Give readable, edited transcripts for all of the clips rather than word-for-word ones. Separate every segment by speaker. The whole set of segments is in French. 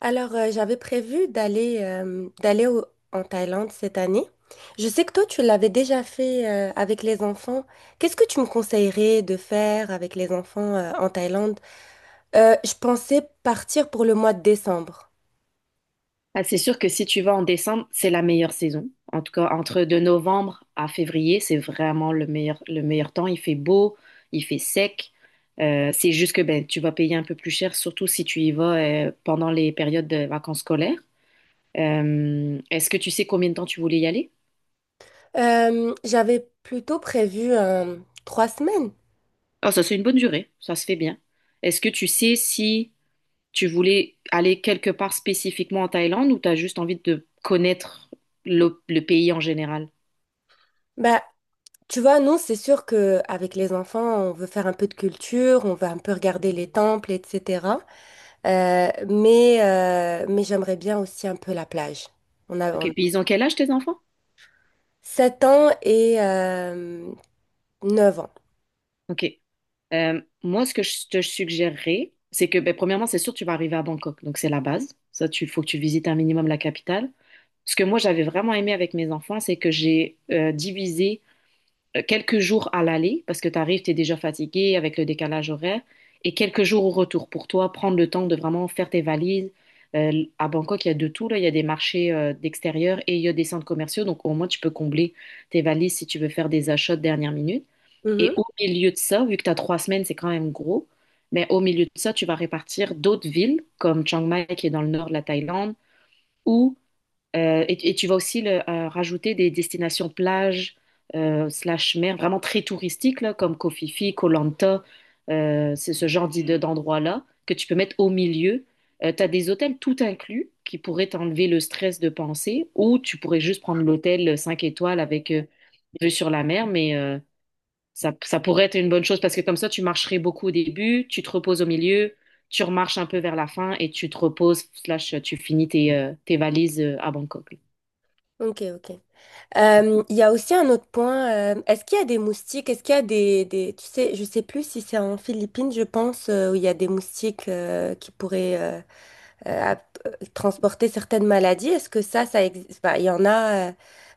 Speaker 1: J'avais prévu en Thaïlande cette année. Je sais que toi, tu l'avais déjà fait avec les enfants. Qu'est-ce que tu me conseillerais de faire avec les enfants en Thaïlande? Je pensais partir pour le mois de décembre.
Speaker 2: Ah, c'est sûr que si tu vas en décembre, c'est la meilleure saison. En tout cas, entre de novembre à février, c'est vraiment le meilleur temps. Il fait beau, il fait sec. C'est juste que ben, tu vas payer un peu plus cher, surtout si tu y vas pendant les périodes de vacances scolaires. Est-ce que tu sais combien de temps tu voulais y aller?
Speaker 1: J'avais plutôt prévu trois semaines.
Speaker 2: Ah, ça, c'est une bonne durée. Ça se fait bien. Est-ce que tu sais si tu voulais aller quelque part spécifiquement en Thaïlande ou tu as juste envie de connaître le pays en général?
Speaker 1: Bah, Tu vois, nous, c'est sûr que avec les enfants, on veut faire un peu de culture, on veut un peu regarder les temples, etc. Mais j'aimerais bien aussi un peu la plage. On a,
Speaker 2: Ok,
Speaker 1: on
Speaker 2: puis ils ont quel âge tes enfants?
Speaker 1: 7 ans et 9 ans.
Speaker 2: Ok. Moi, ce que je te suggérerais, c'est que, ben, premièrement, c'est sûr, tu vas arriver à Bangkok, donc c'est la base. Ça, tu faut que tu visites un minimum la capitale. Ce que moi, j'avais vraiment aimé avec mes enfants, c'est que j'ai divisé quelques jours à l'aller, parce que tu arrives, tu es déjà fatigué avec le décalage horaire, et quelques jours au retour pour toi, prendre le temps de vraiment faire tes valises. À Bangkok, il y a de tout, là. Il y a des marchés d'extérieur et il y a des centres commerciaux, donc au moins, tu peux combler tes valises si tu veux faire des achats de dernière minute. Et
Speaker 1: Mhm.
Speaker 2: au milieu de ça, vu que tu as 3 semaines, c'est quand même gros, mais au milieu de ça, tu vas répartir d'autres villes, comme Chiang Mai, qui est dans le nord de la Thaïlande, ou, et tu vas aussi rajouter des destinations plages, slash mer, vraiment très touristiques, là, comme Koh Phi Phi, Koh Lanta, c'est ce genre d'endroits-là que tu peux mettre au milieu. Tu as des hôtels tout inclus qui pourraient t'enlever le stress de penser, ou tu pourrais juste prendre l'hôtel 5 étoiles avec... vue sur la mer, mais ça, ça pourrait être une bonne chose parce que comme ça, tu marcherais beaucoup au début, tu te reposes au milieu, tu remarches un peu vers la fin et tu te reposes, slash, tu finis tes, tes valises à Bangkok.
Speaker 1: Ok, ok. Il y a aussi un autre point. Est-ce qu'il y a des moustiques? Est-ce qu'il y a des- Tu sais, je sais plus si c'est en Philippines, je pense, où il y a des moustiques qui pourraient transporter certaines maladies. Est-ce que ça existe? Enfin, il y en a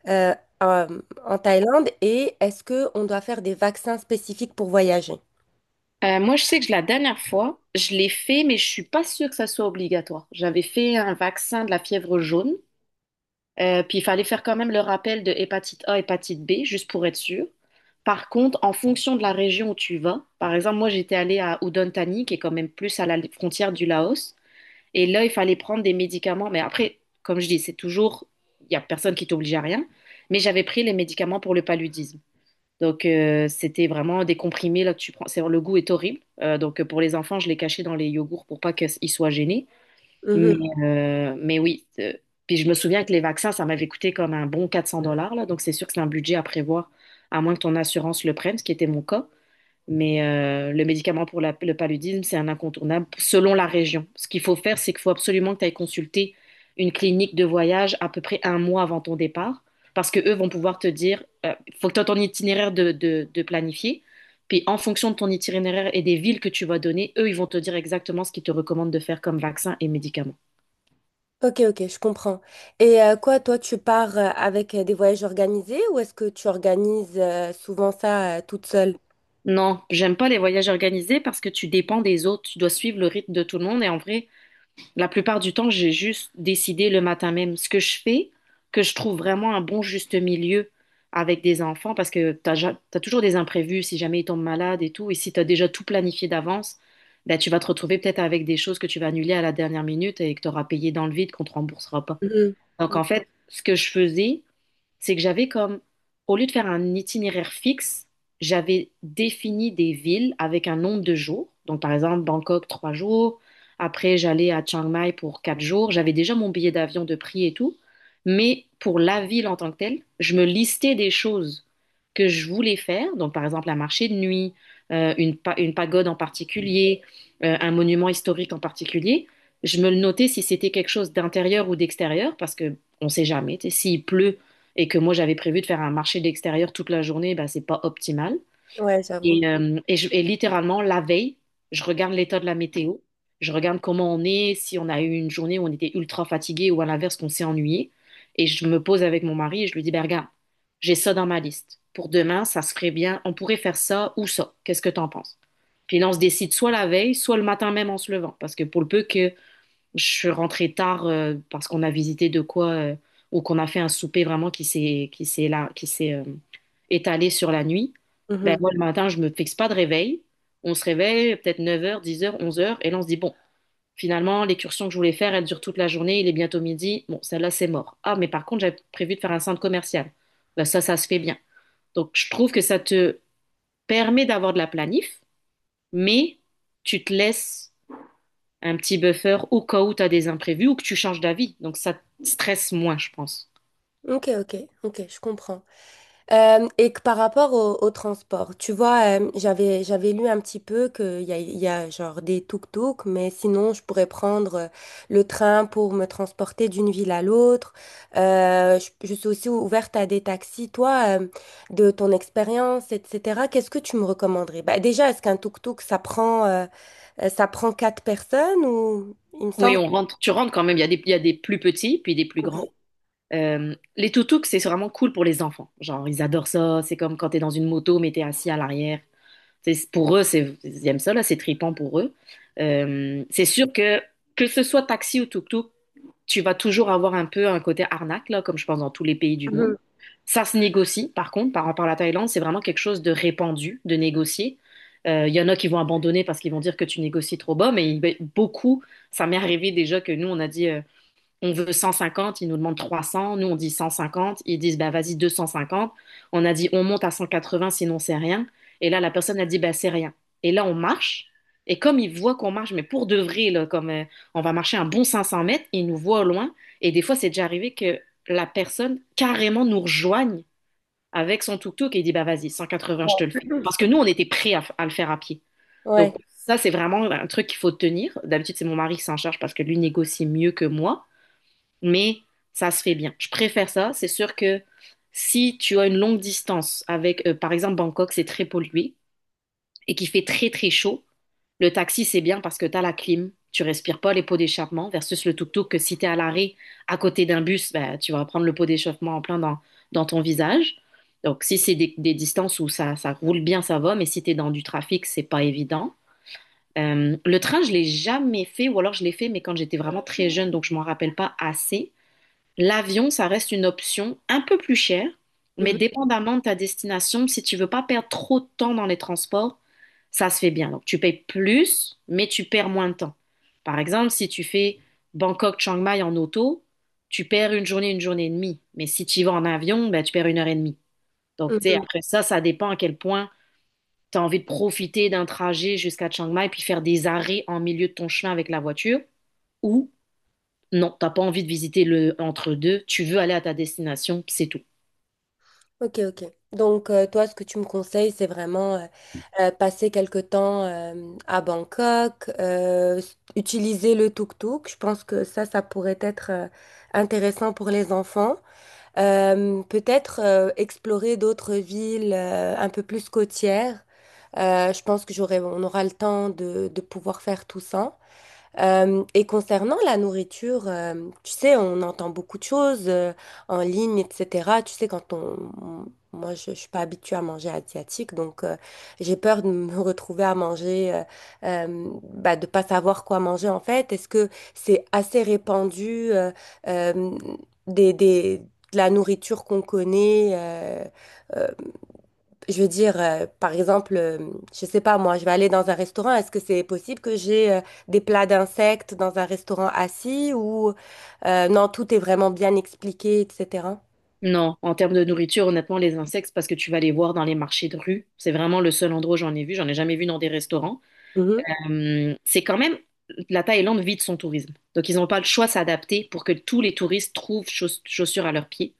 Speaker 1: euh, en Thaïlande. Et est-ce que on doit faire des vaccins spécifiques pour voyager?
Speaker 2: Moi, je sais que la dernière fois, je l'ai fait, mais je suis pas sûre que ça soit obligatoire. J'avais fait un vaccin de la fièvre jaune, puis il fallait faire quand même le rappel de hépatite A, hépatite B, juste pour être sûr. Par contre, en fonction de la région où tu vas, par exemple, moi, j'étais allée à Udon Thani, qui est quand même plus à la frontière du Laos. Et là, il fallait prendre des médicaments. Mais après, comme je dis, c'est toujours, il n'y a personne qui t'oblige à rien. Mais j'avais pris les médicaments pour le paludisme. Donc, c'était vraiment des comprimés là, que tu prends. C'est, le goût est horrible. Donc, pour les enfants, je les cachais dans les yogourts pour pas qu'ils soient gênés. Mais, mais oui. Puis, je me souviens que les vaccins, ça m'avait coûté comme un bon 400 dollars. Là, donc, c'est sûr que c'est un budget à prévoir, à moins que ton assurance le prenne, ce qui était mon cas. Mais le médicament pour le paludisme, c'est un incontournable selon la région. Ce qu'il faut faire, c'est qu'il faut absolument que tu ailles consulter une clinique de voyage à peu près 1 mois avant ton départ, parce que eux vont pouvoir te dire, faut que tu aies ton itinéraire de planifier. Puis en fonction de ton itinéraire et des villes que tu vas donner, eux, ils vont te dire exactement ce qu'ils te recommandent de faire comme vaccin et médicaments.
Speaker 1: Ok, ok, je comprends. Et quoi, toi, tu pars avec des voyages organisés ou est-ce que tu organises souvent ça toute seule?
Speaker 2: Non, j'aime pas les voyages organisés parce que tu dépends des autres, tu dois suivre le rythme de tout le monde et en vrai, la plupart du temps, j'ai juste décidé le matin même ce que je fais, que je trouve vraiment un bon juste milieu avec des enfants parce que t'as, t'as toujours des imprévus si jamais ils tombent malades et tout. Et si t'as déjà tout planifié d'avance, ben, tu vas te retrouver peut-être avec des choses que tu vas annuler à la dernière minute et que t'auras payé dans le vide qu'on te remboursera pas.
Speaker 1: Mhm.
Speaker 2: Donc en fait, ce que je faisais, c'est que j'avais comme, au lieu de faire un itinéraire fixe, j'avais défini des villes avec un nombre de jours. Donc, par exemple, Bangkok, 3 jours. Après, j'allais à Chiang Mai pour 4 jours. J'avais déjà mon billet d'avion de prix et tout. Mais pour la ville en tant que telle, je me listais des choses que je voulais faire. Donc, par exemple, un marché de nuit, une pagode en particulier, un monument historique en particulier. Je me le notais si c'était quelque chose d'intérieur ou d'extérieur, parce que on sait jamais. Tu sais, s'il pleut, et que moi j'avais prévu de faire un marché d'extérieur toute la journée, ben c'est pas optimal.
Speaker 1: Ouais, j'avoue.
Speaker 2: Et littéralement, la veille, je regarde l'état de la météo, je regarde comment on est, si on a eu une journée où on était ultra fatigué ou à l'inverse qu'on s'est ennuyé. Et je me pose avec mon mari et je lui dis, ben regarde, j'ai ça dans ma liste. Pour demain, ça serait bien, on pourrait faire ça ou ça. Qu'est-ce que t'en penses? Puis là, on se décide soit la veille, soit le matin même en se levant. Parce que pour le peu que je suis rentrée tard parce qu'on a visité de quoi ou qu'on a fait un souper vraiment qui s'est étalé sur la nuit. Ben
Speaker 1: Mhm.
Speaker 2: moi le matin, je me fixe pas de réveil. On se réveille peut-être 9 heures, 10 heures, 11 heures et là on se dit bon, finalement l'excursion que je voulais faire, elle dure toute la journée, il est bientôt midi. Bon, celle-là c'est mort. Ah mais par contre, j'avais prévu de faire un centre commercial. Ben ça ça se fait bien. Donc je trouve que ça te permet d'avoir de la planif, mais tu te laisses un petit buffer au cas où tu as des imprévus ou que tu changes d'avis. Donc ça te stresse moins, je pense.
Speaker 1: Ok, ok, ok, je comprends. Et que par rapport au, au transport, tu vois, j'avais lu un petit peu il y a genre des tuk-tuk, mais sinon je pourrais prendre le train pour me transporter d'une ville à l'autre. Je suis aussi ouverte à des taxis. Toi, de ton expérience, etc., qu'est-ce que tu me recommanderais? Bah, déjà, est-ce qu'un tuk-tuk, ça prend quatre personnes ou il me
Speaker 2: Oui,
Speaker 1: semble
Speaker 2: on rentre, tu rentres quand même. Il y a des plus petits, puis des plus
Speaker 1: que...
Speaker 2: grands. Les toutouks, c'est vraiment cool pour les enfants. Genre, ils adorent ça. C'est comme quand tu es dans une moto, mais t'es assis à l'arrière. C'est- pour eux, c'est, ils aiment ça, là, c'est trippant pour eux. C'est sûr que ce soit taxi ou tuk-tuk, tu vas toujours avoir un peu un côté arnaque, là, comme je pense dans tous les pays du monde.
Speaker 1: Mhm.
Speaker 2: Ça se négocie, par contre, par rapport à la Thaïlande, c'est vraiment quelque chose de répandu, de négocier. Il y en a qui vont abandonner parce qu'ils vont dire que tu négocies trop bas, mais ben, beaucoup, ça m'est arrivé déjà que nous, on a dit, on veut 150, ils nous demandent 300, nous on dit 150, ils disent bah vas-y 250. On a dit on monte à 180 sinon c'est rien. Et là la personne a dit bah c'est rien. Et là on marche et comme ils voient qu'on marche mais pour de vrai là, comme on va marcher un bon 500 mètres, ils nous voient au loin et des fois c'est déjà arrivé que la personne carrément nous rejoigne avec son tuk-tuk et il dit bah vas-y 180 je te le fais. Parce que nous on était prêts à, à le faire à pied.
Speaker 1: Ouais.
Speaker 2: Donc ça c'est vraiment un truc qu'il faut tenir. D'habitude c'est mon mari qui s'en charge parce que lui négocie mieux que moi mais ça se fait bien. Je préfère ça. C'est sûr que si tu as une longue distance avec, par exemple, Bangkok, c'est très pollué et qu'il fait très très chaud, le taxi, c'est bien parce que tu as la clim, tu respires pas les pots d'échappement versus le tuk-tuk que si tu es à l'arrêt à côté d'un bus, ben tu vas prendre le pot d'échauffement en plein dans ton visage. Donc, si c'est des distances où ça roule bien, ça va, mais si tu es dans du trafic, c'est pas évident. Le train, je l'ai jamais fait, ou alors je l'ai fait, mais quand j'étais vraiment très jeune, donc je m'en rappelle pas assez. L'avion, ça reste une option un peu plus chère, mais
Speaker 1: Mhm.
Speaker 2: dépendamment de ta destination, si tu veux pas perdre trop de temps dans les transports, ça se fait bien. Donc tu payes plus, mais tu perds moins de temps. Par exemple, si tu fais Bangkok-Chiang Mai en auto, tu perds une journée et demie. Mais si tu y vas en avion, ben, tu perds une heure et demie. Donc tu sais,
Speaker 1: Mhm.
Speaker 2: après ça, ça dépend à quel point tu as envie de profiter d'un trajet jusqu'à Chiang Mai, puis faire des arrêts en milieu de ton chemin avec la voiture, ou non, t'as pas envie de visiter le entre-deux, tu veux aller à ta destination, puis c'est tout.
Speaker 1: Ok, ok. Donc, toi, ce que tu me conseilles, c'est vraiment passer quelque temps à Bangkok, utiliser le tuk-tuk. Je pense que ça pourrait être intéressant pour les enfants. Peut-être explorer d'autres villes un peu plus côtières. Je pense que on aura le temps de pouvoir faire tout ça. Et concernant la nourriture, tu sais, on entend beaucoup de choses en ligne, etc. Tu sais, quand on- Moi, je suis pas habituée à manger asiatique, donc j'ai peur de me retrouver à manger, de pas savoir quoi manger en fait. Est-ce que c'est assez répandu euh, des, des- de la nourriture qu'on connaît? Euh, je veux dire, par exemple, je sais pas moi, je vais aller dans un restaurant. Est-ce que c'est possible que j'ai des plats d'insectes dans un restaurant assis ou non, tout est vraiment bien expliqué, etc.
Speaker 2: Non, en termes de nourriture, honnêtement, les insectes, parce que tu vas les voir dans les marchés de rue, c'est vraiment le seul endroit où j'en ai vu, j'en ai jamais vu dans des restaurants.
Speaker 1: Mhm,
Speaker 2: C'est quand même, la Thaïlande vit de son tourisme. Donc ils n'ont pas le choix de s'adapter pour que tous les touristes trouvent chaussures à leurs pieds.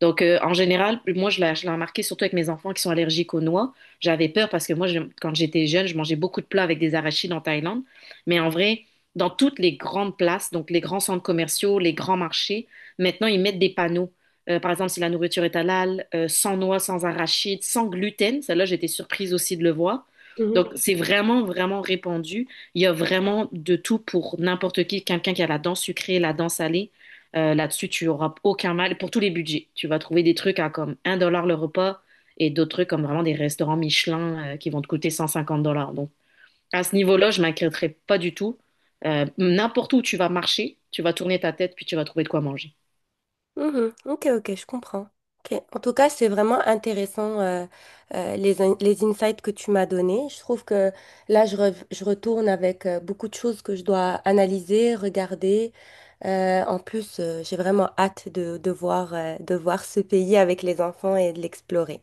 Speaker 2: Donc, en général, moi, je l'ai remarqué surtout avec mes enfants qui sont allergiques aux noix. J'avais peur parce que moi, quand j'étais jeune, je mangeais beaucoup de plats avec des arachides en Thaïlande. Mais en vrai, dans toutes les grandes places, donc les grands centres commerciaux, les grands marchés, maintenant, ils mettent des panneaux. Par exemple, si la nourriture est halal, sans noix, sans arachides, sans gluten. Celle-là, j'étais surprise aussi de le voir.
Speaker 1: mhm.
Speaker 2: Donc, c'est vraiment, vraiment répandu. Il y a vraiment de tout pour n'importe qui, quelqu'un qui a la dent sucrée, la dent salée. Là-dessus, tu auras aucun mal pour tous les budgets. Tu vas trouver des trucs à comme un dollar le repas et d'autres trucs comme vraiment des restaurants Michelin qui vont te coûter 150 dollars. Donc, à ce niveau-là, je m'inquiéterais pas du tout. N'importe où tu vas marcher, tu vas tourner ta tête puis tu vas trouver de quoi manger.
Speaker 1: Mhm. Ok, ok, je comprends. Ok. En tout cas, c'est vraiment intéressant les insights que tu m'as donnés. Je trouve que là, je retourne avec beaucoup de choses que je dois analyser, regarder. En plus, j'ai vraiment hâte de voir ce pays avec les enfants et de l'explorer.